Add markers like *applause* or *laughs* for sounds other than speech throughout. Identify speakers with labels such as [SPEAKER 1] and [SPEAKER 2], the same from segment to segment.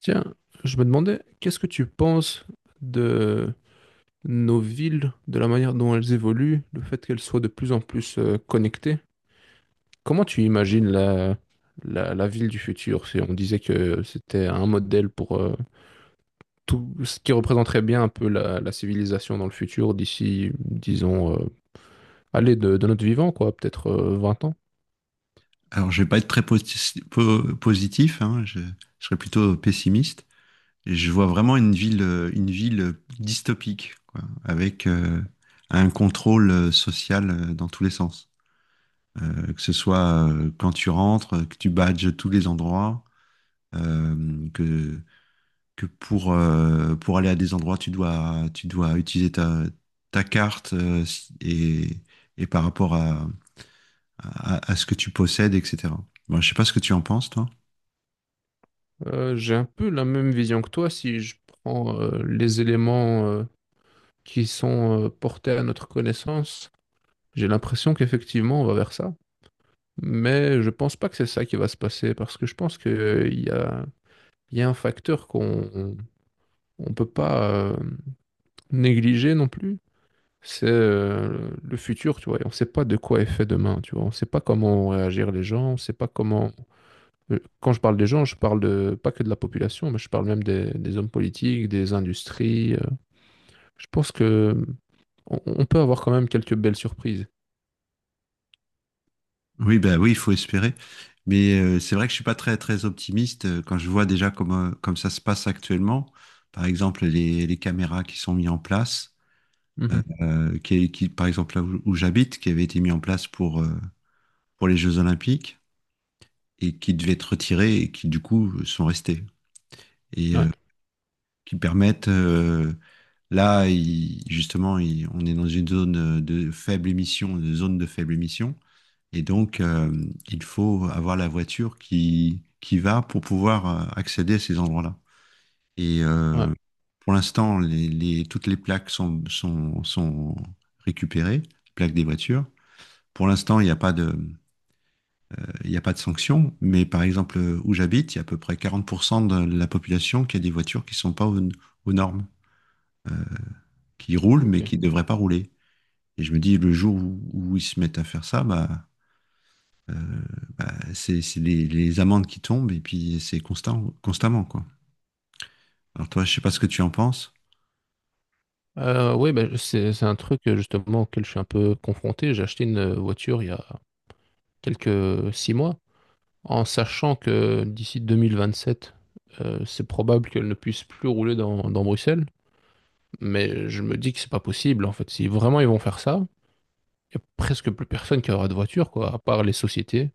[SPEAKER 1] Tiens, je me demandais, qu'est-ce que tu penses de nos villes, de la manière dont elles évoluent, le fait qu'elles soient de plus en plus connectées? Comment tu imagines la ville du futur? Si on disait que c'était un modèle pour tout ce qui représenterait bien un peu la civilisation dans le futur d'ici, disons, de notre vivant, quoi, peut-être 20 ans.
[SPEAKER 2] Alors, je vais pas être positif, hein, je serais plutôt pessimiste. Et je vois vraiment une ville dystopique, quoi, avec un contrôle social dans tous les sens. Que ce soit Quand tu rentres, que tu badges tous les endroits, euh, que, que pour aller à des endroits, tu dois utiliser ta carte et, par rapport à ce que tu possèdes, etc. Bon, je sais pas ce que tu en penses, toi.
[SPEAKER 1] J'ai un peu la même vision que toi si je prends les éléments qui sont portés à notre connaissance. J'ai l'impression qu'effectivement, on va vers ça. Mais je pense pas que c'est ça qui va se passer parce que je pense qu'il y a un facteur qu'on on peut pas négliger non plus. C'est le futur, tu vois. Et on sait pas de quoi est fait demain, tu vois. On sait pas comment vont réagir les gens. On sait pas comment. Quand je parle des gens, je parle de, pas que de la population, mais je parle même des hommes politiques, des industries. Je pense que on peut avoir quand même quelques belles surprises.
[SPEAKER 2] Oui, ben oui, il faut espérer. Mais c'est vrai que je suis pas très très optimiste quand je vois déjà comment comme ça se passe actuellement. Par exemple, les caméras qui sont mises en place, qui, par exemple où j'habite, qui avaient été mises en place pour les Jeux Olympiques et qui devaient être retirées et qui du coup sont restées et
[SPEAKER 1] Ouais,
[SPEAKER 2] euh, qui permettent là il- justement il- on est dans une zone de faible émission, une zone de faible émission. Et donc, il faut avoir la voiture qui va pour pouvoir accéder à ces endroits-là. Et
[SPEAKER 1] ouais,
[SPEAKER 2] euh, pour l'instant, toutes les plaques sont récupérées, les plaques des voitures. Pour l'instant, il n'y a pas de, il n'y a pas de sanction, mais par exemple, où j'habite, il y a à peu près 40% de la population qui a des voitures qui ne sont pas aux normes, qui roulent, mais
[SPEAKER 1] OK.
[SPEAKER 2] qui ne devraient pas rouler. Et je me dis, le jour où ils se mettent à faire ça, bah, euh, c'est les amendes qui tombent et puis c'est constamment, quoi. Alors toi, je sais pas ce que tu en penses.
[SPEAKER 1] Oui, bah, c'est un truc, justement auquel je suis un peu confronté. J'ai acheté une, voiture il y a quelques, 6 mois, en sachant que d'ici 2027, c'est probable qu'elle ne puisse plus rouler dans dans Bruxelles. Mais je me dis que c'est pas possible, en fait. Si vraiment ils vont faire ça, il y a presque plus personne qui aura de voiture, quoi, à part les sociétés.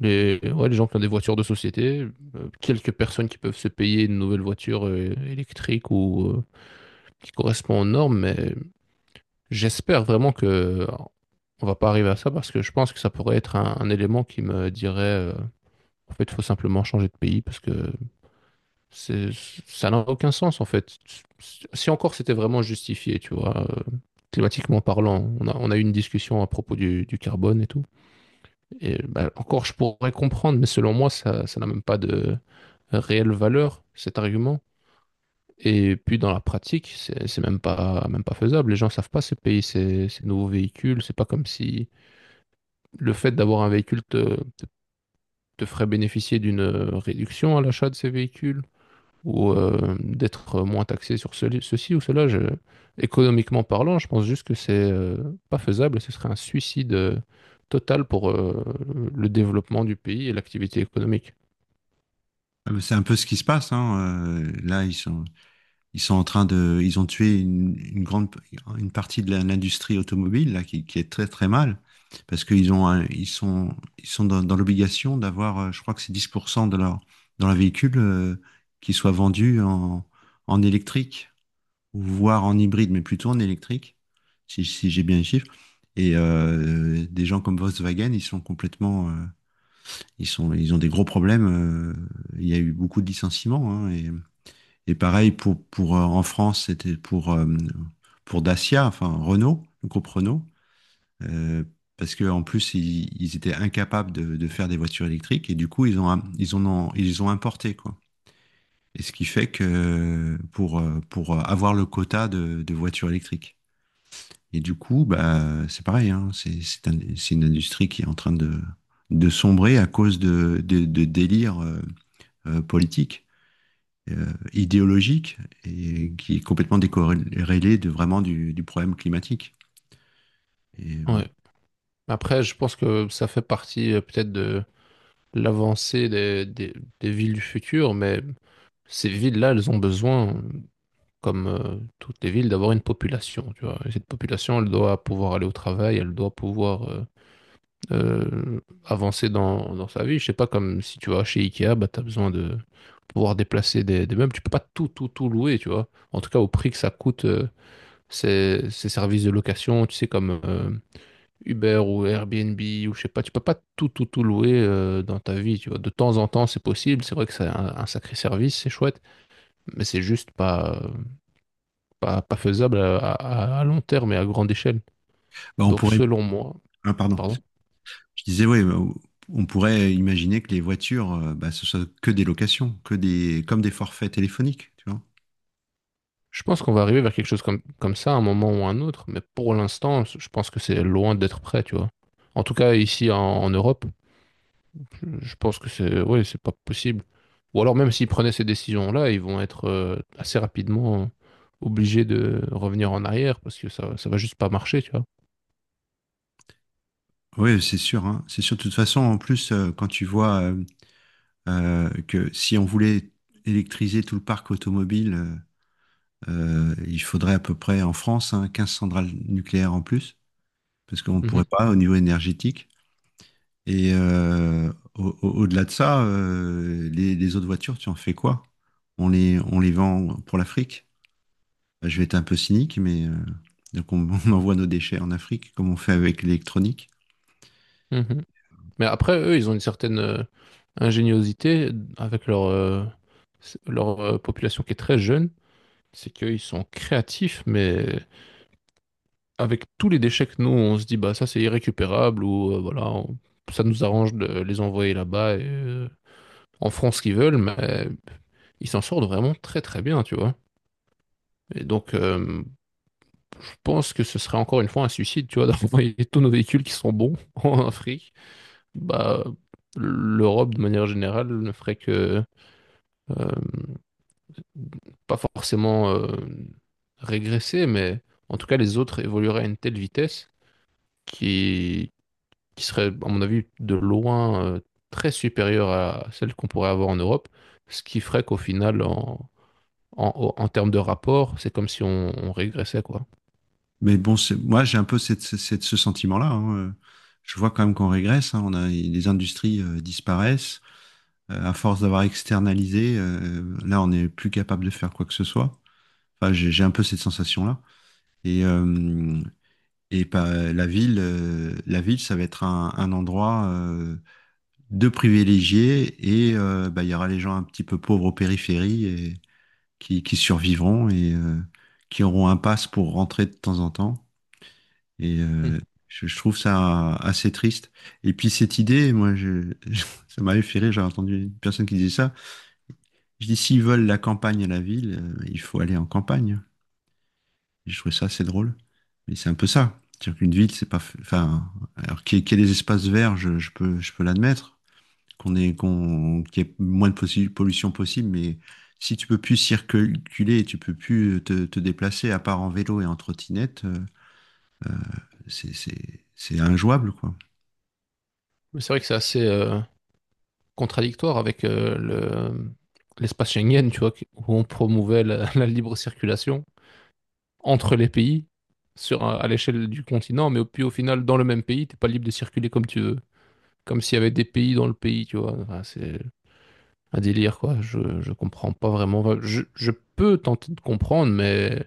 [SPEAKER 1] Les ouais, les gens qui ont des voitures de société, quelques personnes qui peuvent se payer une nouvelle voiture, électrique ou, qui correspond aux normes, mais j'espère vraiment que on va pas arriver à ça parce que je pense que ça pourrait être un élément qui me dirait en fait, il faut simplement changer de pays parce que c'est- ça n'a aucun sens en fait. Si encore c'était vraiment justifié, tu vois, climatiquement parlant, on a eu une discussion à propos du carbone et tout. Et bah, encore, je pourrais comprendre, mais selon moi, ça n'a même pas de réelle valeur, cet argument. Et puis dans la pratique, c'est même pas faisable. Les gens savent pas ces pays, ces nouveaux véhicules. C'est pas comme si le fait d'avoir un véhicule ferait bénéficier d'une réduction à l'achat de ces véhicules ou d'être moins taxé sur ceci ou cela. Économiquement parlant, je pense juste que c'est pas faisable. Ce serait un suicide total pour le développement du pays et l'activité économique.
[SPEAKER 2] Ah, mais c'est un peu ce qui se passe, hein. euh, là, ils sont, Ils sont en train de, ils ont tué une partie de l'industrie automobile là, qui est très très mal parce qu'ils ont, un- ils sont dans l'obligation d'avoir, je crois que c'est 10% de leur, dans leur véhicule qui soit vendu en électrique ou voire en hybride, mais plutôt en électrique, si j'ai bien les chiffres. Et des gens comme Volkswagen, ils sont ils ont des gros problèmes. Il y a eu beaucoup de licenciements, hein, et pareil pour en France, c'était pour Dacia, enfin Renault, le groupe Renault, euh, parce que en plus ils étaient incapables de faire des voitures électriques et du coup ils ont im- ils en ont ils ont importé, quoi. Et ce qui fait que pour avoir le quota de voitures électriques. Et du coup, bah, c'est pareil, hein, c'est une industrie qui est en train de sombrer à cause de délires politiques, idéologique et qui est complètement décorrélé de vraiment du problème climatique. Et bon.
[SPEAKER 1] Ouais. Après, je pense que ça fait partie peut-être de l'avancée des villes du futur, mais ces villes-là, elles ont besoin comme toutes les villes, d'avoir une population, tu vois. Et cette population, elle doit pouvoir aller au travail, elle doit pouvoir avancer dans sa vie. Je sais pas, comme si tu vas chez Ikea, bah, tu as besoin de pouvoir déplacer des meubles. Tu peux pas tout, tout, tout louer, tu vois. En tout cas, au prix que ça coûte, ces services de location, tu sais, comme Uber ou Airbnb ou je sais pas, tu peux pas tout, tout, tout louer dans ta vie, tu vois. De temps en temps, c'est possible. C'est vrai que c'est un sacré service, c'est chouette, mais c'est juste pas, pas faisable à long terme et à grande échelle.
[SPEAKER 2] Bah,
[SPEAKER 1] Donc, selon moi,
[SPEAKER 2] ah, pardon,
[SPEAKER 1] pardon,
[SPEAKER 2] je disais oui, bah, on pourrait imaginer que les voitures, bah, ce soit que des locations, comme des forfaits téléphoniques, tu vois.
[SPEAKER 1] je pense qu'on va arriver vers quelque chose comme, comme ça à un moment ou à un autre, mais pour l'instant, je pense que c'est loin d'être prêt, tu vois. En tout cas, ici en Europe, je pense que c'est ouais, c'est pas possible. Ou alors, même s'ils prenaient ces décisions-là, ils vont être assez rapidement obligés de revenir en arrière parce que ça va juste pas marcher, tu vois.
[SPEAKER 2] Oui, c'est sûr, hein. C'est sûr. De toute façon, en plus, quand tu vois que si on voulait électriser tout le parc automobile, il faudrait à peu près en France, hein, 15 centrales nucléaires en plus, parce qu'on ne pourrait
[SPEAKER 1] Mhm,
[SPEAKER 2] pas au niveau énergétique. Et delà de ça, les autres voitures, tu en fais quoi? On les vend pour l'Afrique? Bah, je vais être un peu cynique, mais donc on, *laughs* on envoie nos déchets en Afrique, comme on fait avec l'électronique.
[SPEAKER 1] mhm. Mais après, eux, ils ont une certaine ingéniosité avec leur population qui est très jeune. C'est qu'ils sont créatifs, mais avec tous les déchets que nous, on se dit, bah ça c'est irrécupérable ou voilà, ça nous arrange de les envoyer là-bas et en France ce qu'ils veulent, mais ils s'en sortent vraiment très très bien, tu vois. Et donc, je pense que ce serait encore une fois un suicide, tu vois, *laughs* d'envoyer tous nos véhicules qui sont bons *laughs* en Afrique. Bah, l'Europe, de manière générale, ne ferait que euh, pas forcément régresser, mais en tout cas les autres évolueraient à une telle vitesse qui, qui serait, à mon avis, de loin très supérieure à celle qu'on pourrait avoir en Europe, ce qui ferait qu'au final, en termes de rapport, c'est comme si on, on régressait, quoi.
[SPEAKER 2] Mais bon, moi j'ai un peu ce sentiment-là, hein. Je vois quand même qu'on régresse, hein. Les industries disparaissent. À force d'avoir externalisé, là on n'est plus capable de faire quoi que ce soit. Enfin, j'ai un peu cette sensation-là. Et, euh, Et pas la ville, ça va être un endroit de privilégié et bah, il y aura les gens un petit peu pauvres aux périphéries et qui survivront et qui auront un pass pour rentrer de temps en temps. Et
[SPEAKER 1] Hmm.
[SPEAKER 2] euh, je trouve ça assez triste. Et puis cette idée, *laughs* ça m'avait fait rire, j'ai entendu une personne qui disait ça. Je dis, s'ils veulent la campagne à la ville, il faut aller en campagne. J'ai trouvé ça assez drôle. Mais c'est un peu ça. C'est-à-dire qu'une ville, c'est pas. F- enfin, alors qu'il y ait des espaces verts, je peux l'admettre. Qu'il y ait moins de pollution possible, mais si tu peux plus circuler et tu peux plus te déplacer, à part en vélo et en trottinette, c'est injouable, quoi.
[SPEAKER 1] Mais c'est vrai que c'est assez contradictoire avec l'espace Schengen, tu vois, où on promouvait la, *laughs* la libre circulation entre les pays sur, à l'échelle du continent, mais puis au final, dans le même pays, t'es pas libre de circuler comme tu veux. Comme s'il y avait des pays dans le pays, tu vois. Enfin, c'est un délire, quoi. Je comprends pas vraiment. Enfin, je peux tenter de comprendre, mais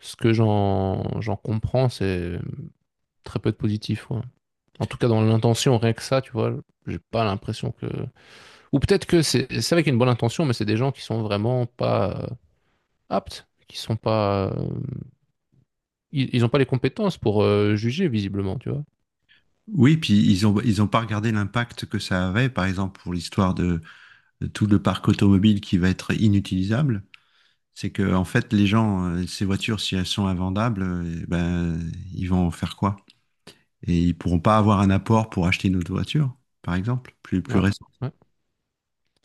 [SPEAKER 1] ce que j'en comprends, c'est très peu de positif, ouais. En tout cas, dans l'intention, rien que ça, tu vois, j'ai pas l'impression que... Ou peut-être que c'est avec une bonne intention, mais c'est des gens qui sont vraiment pas aptes, qui sont pas... ils ont pas les compétences pour juger, visiblement, tu vois.
[SPEAKER 2] Oui, ils ont pas regardé l'impact que ça avait, par exemple, pour l'histoire de tout le parc automobile qui va être inutilisable. C'est que, en fait, les gens, ces voitures, si elles sont invendables, ben, ils vont en faire quoi? Et ils pourront pas avoir un apport pour acheter une autre voiture, par exemple, plus
[SPEAKER 1] Ouais,
[SPEAKER 2] récent.
[SPEAKER 1] ouais.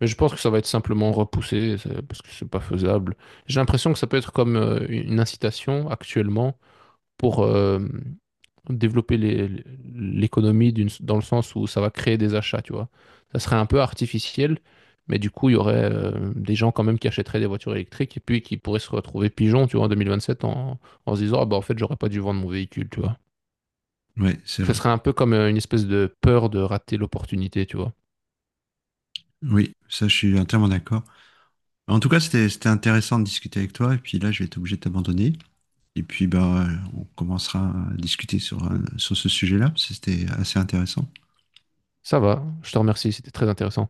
[SPEAKER 1] Mais je pense que ça va être simplement repoussé parce que c'est pas faisable. J'ai l'impression que ça peut être comme une incitation actuellement pour développer l'économie dans le sens où ça va créer des achats, tu vois. Ça serait un peu artificiel, mais du coup, il y aurait des gens quand même qui achèteraient des voitures électriques et puis qui pourraient se retrouver pigeons, tu vois, en 2027 en se disant, ah bah en fait, j'aurais pas dû vendre mon véhicule, tu vois.
[SPEAKER 2] Oui, c'est
[SPEAKER 1] Ce
[SPEAKER 2] vrai.
[SPEAKER 1] serait un peu comme une espèce de peur de rater l'opportunité, tu vois.
[SPEAKER 2] Oui, ça, je suis entièrement d'accord. En tout cas, c'était intéressant de discuter avec toi. Et puis là, je vais être obligé de t'abandonner. Et puis, ben, on commencera à discuter sur ce sujet-là. C'était assez intéressant.
[SPEAKER 1] Ça va, je te remercie, c'était très intéressant.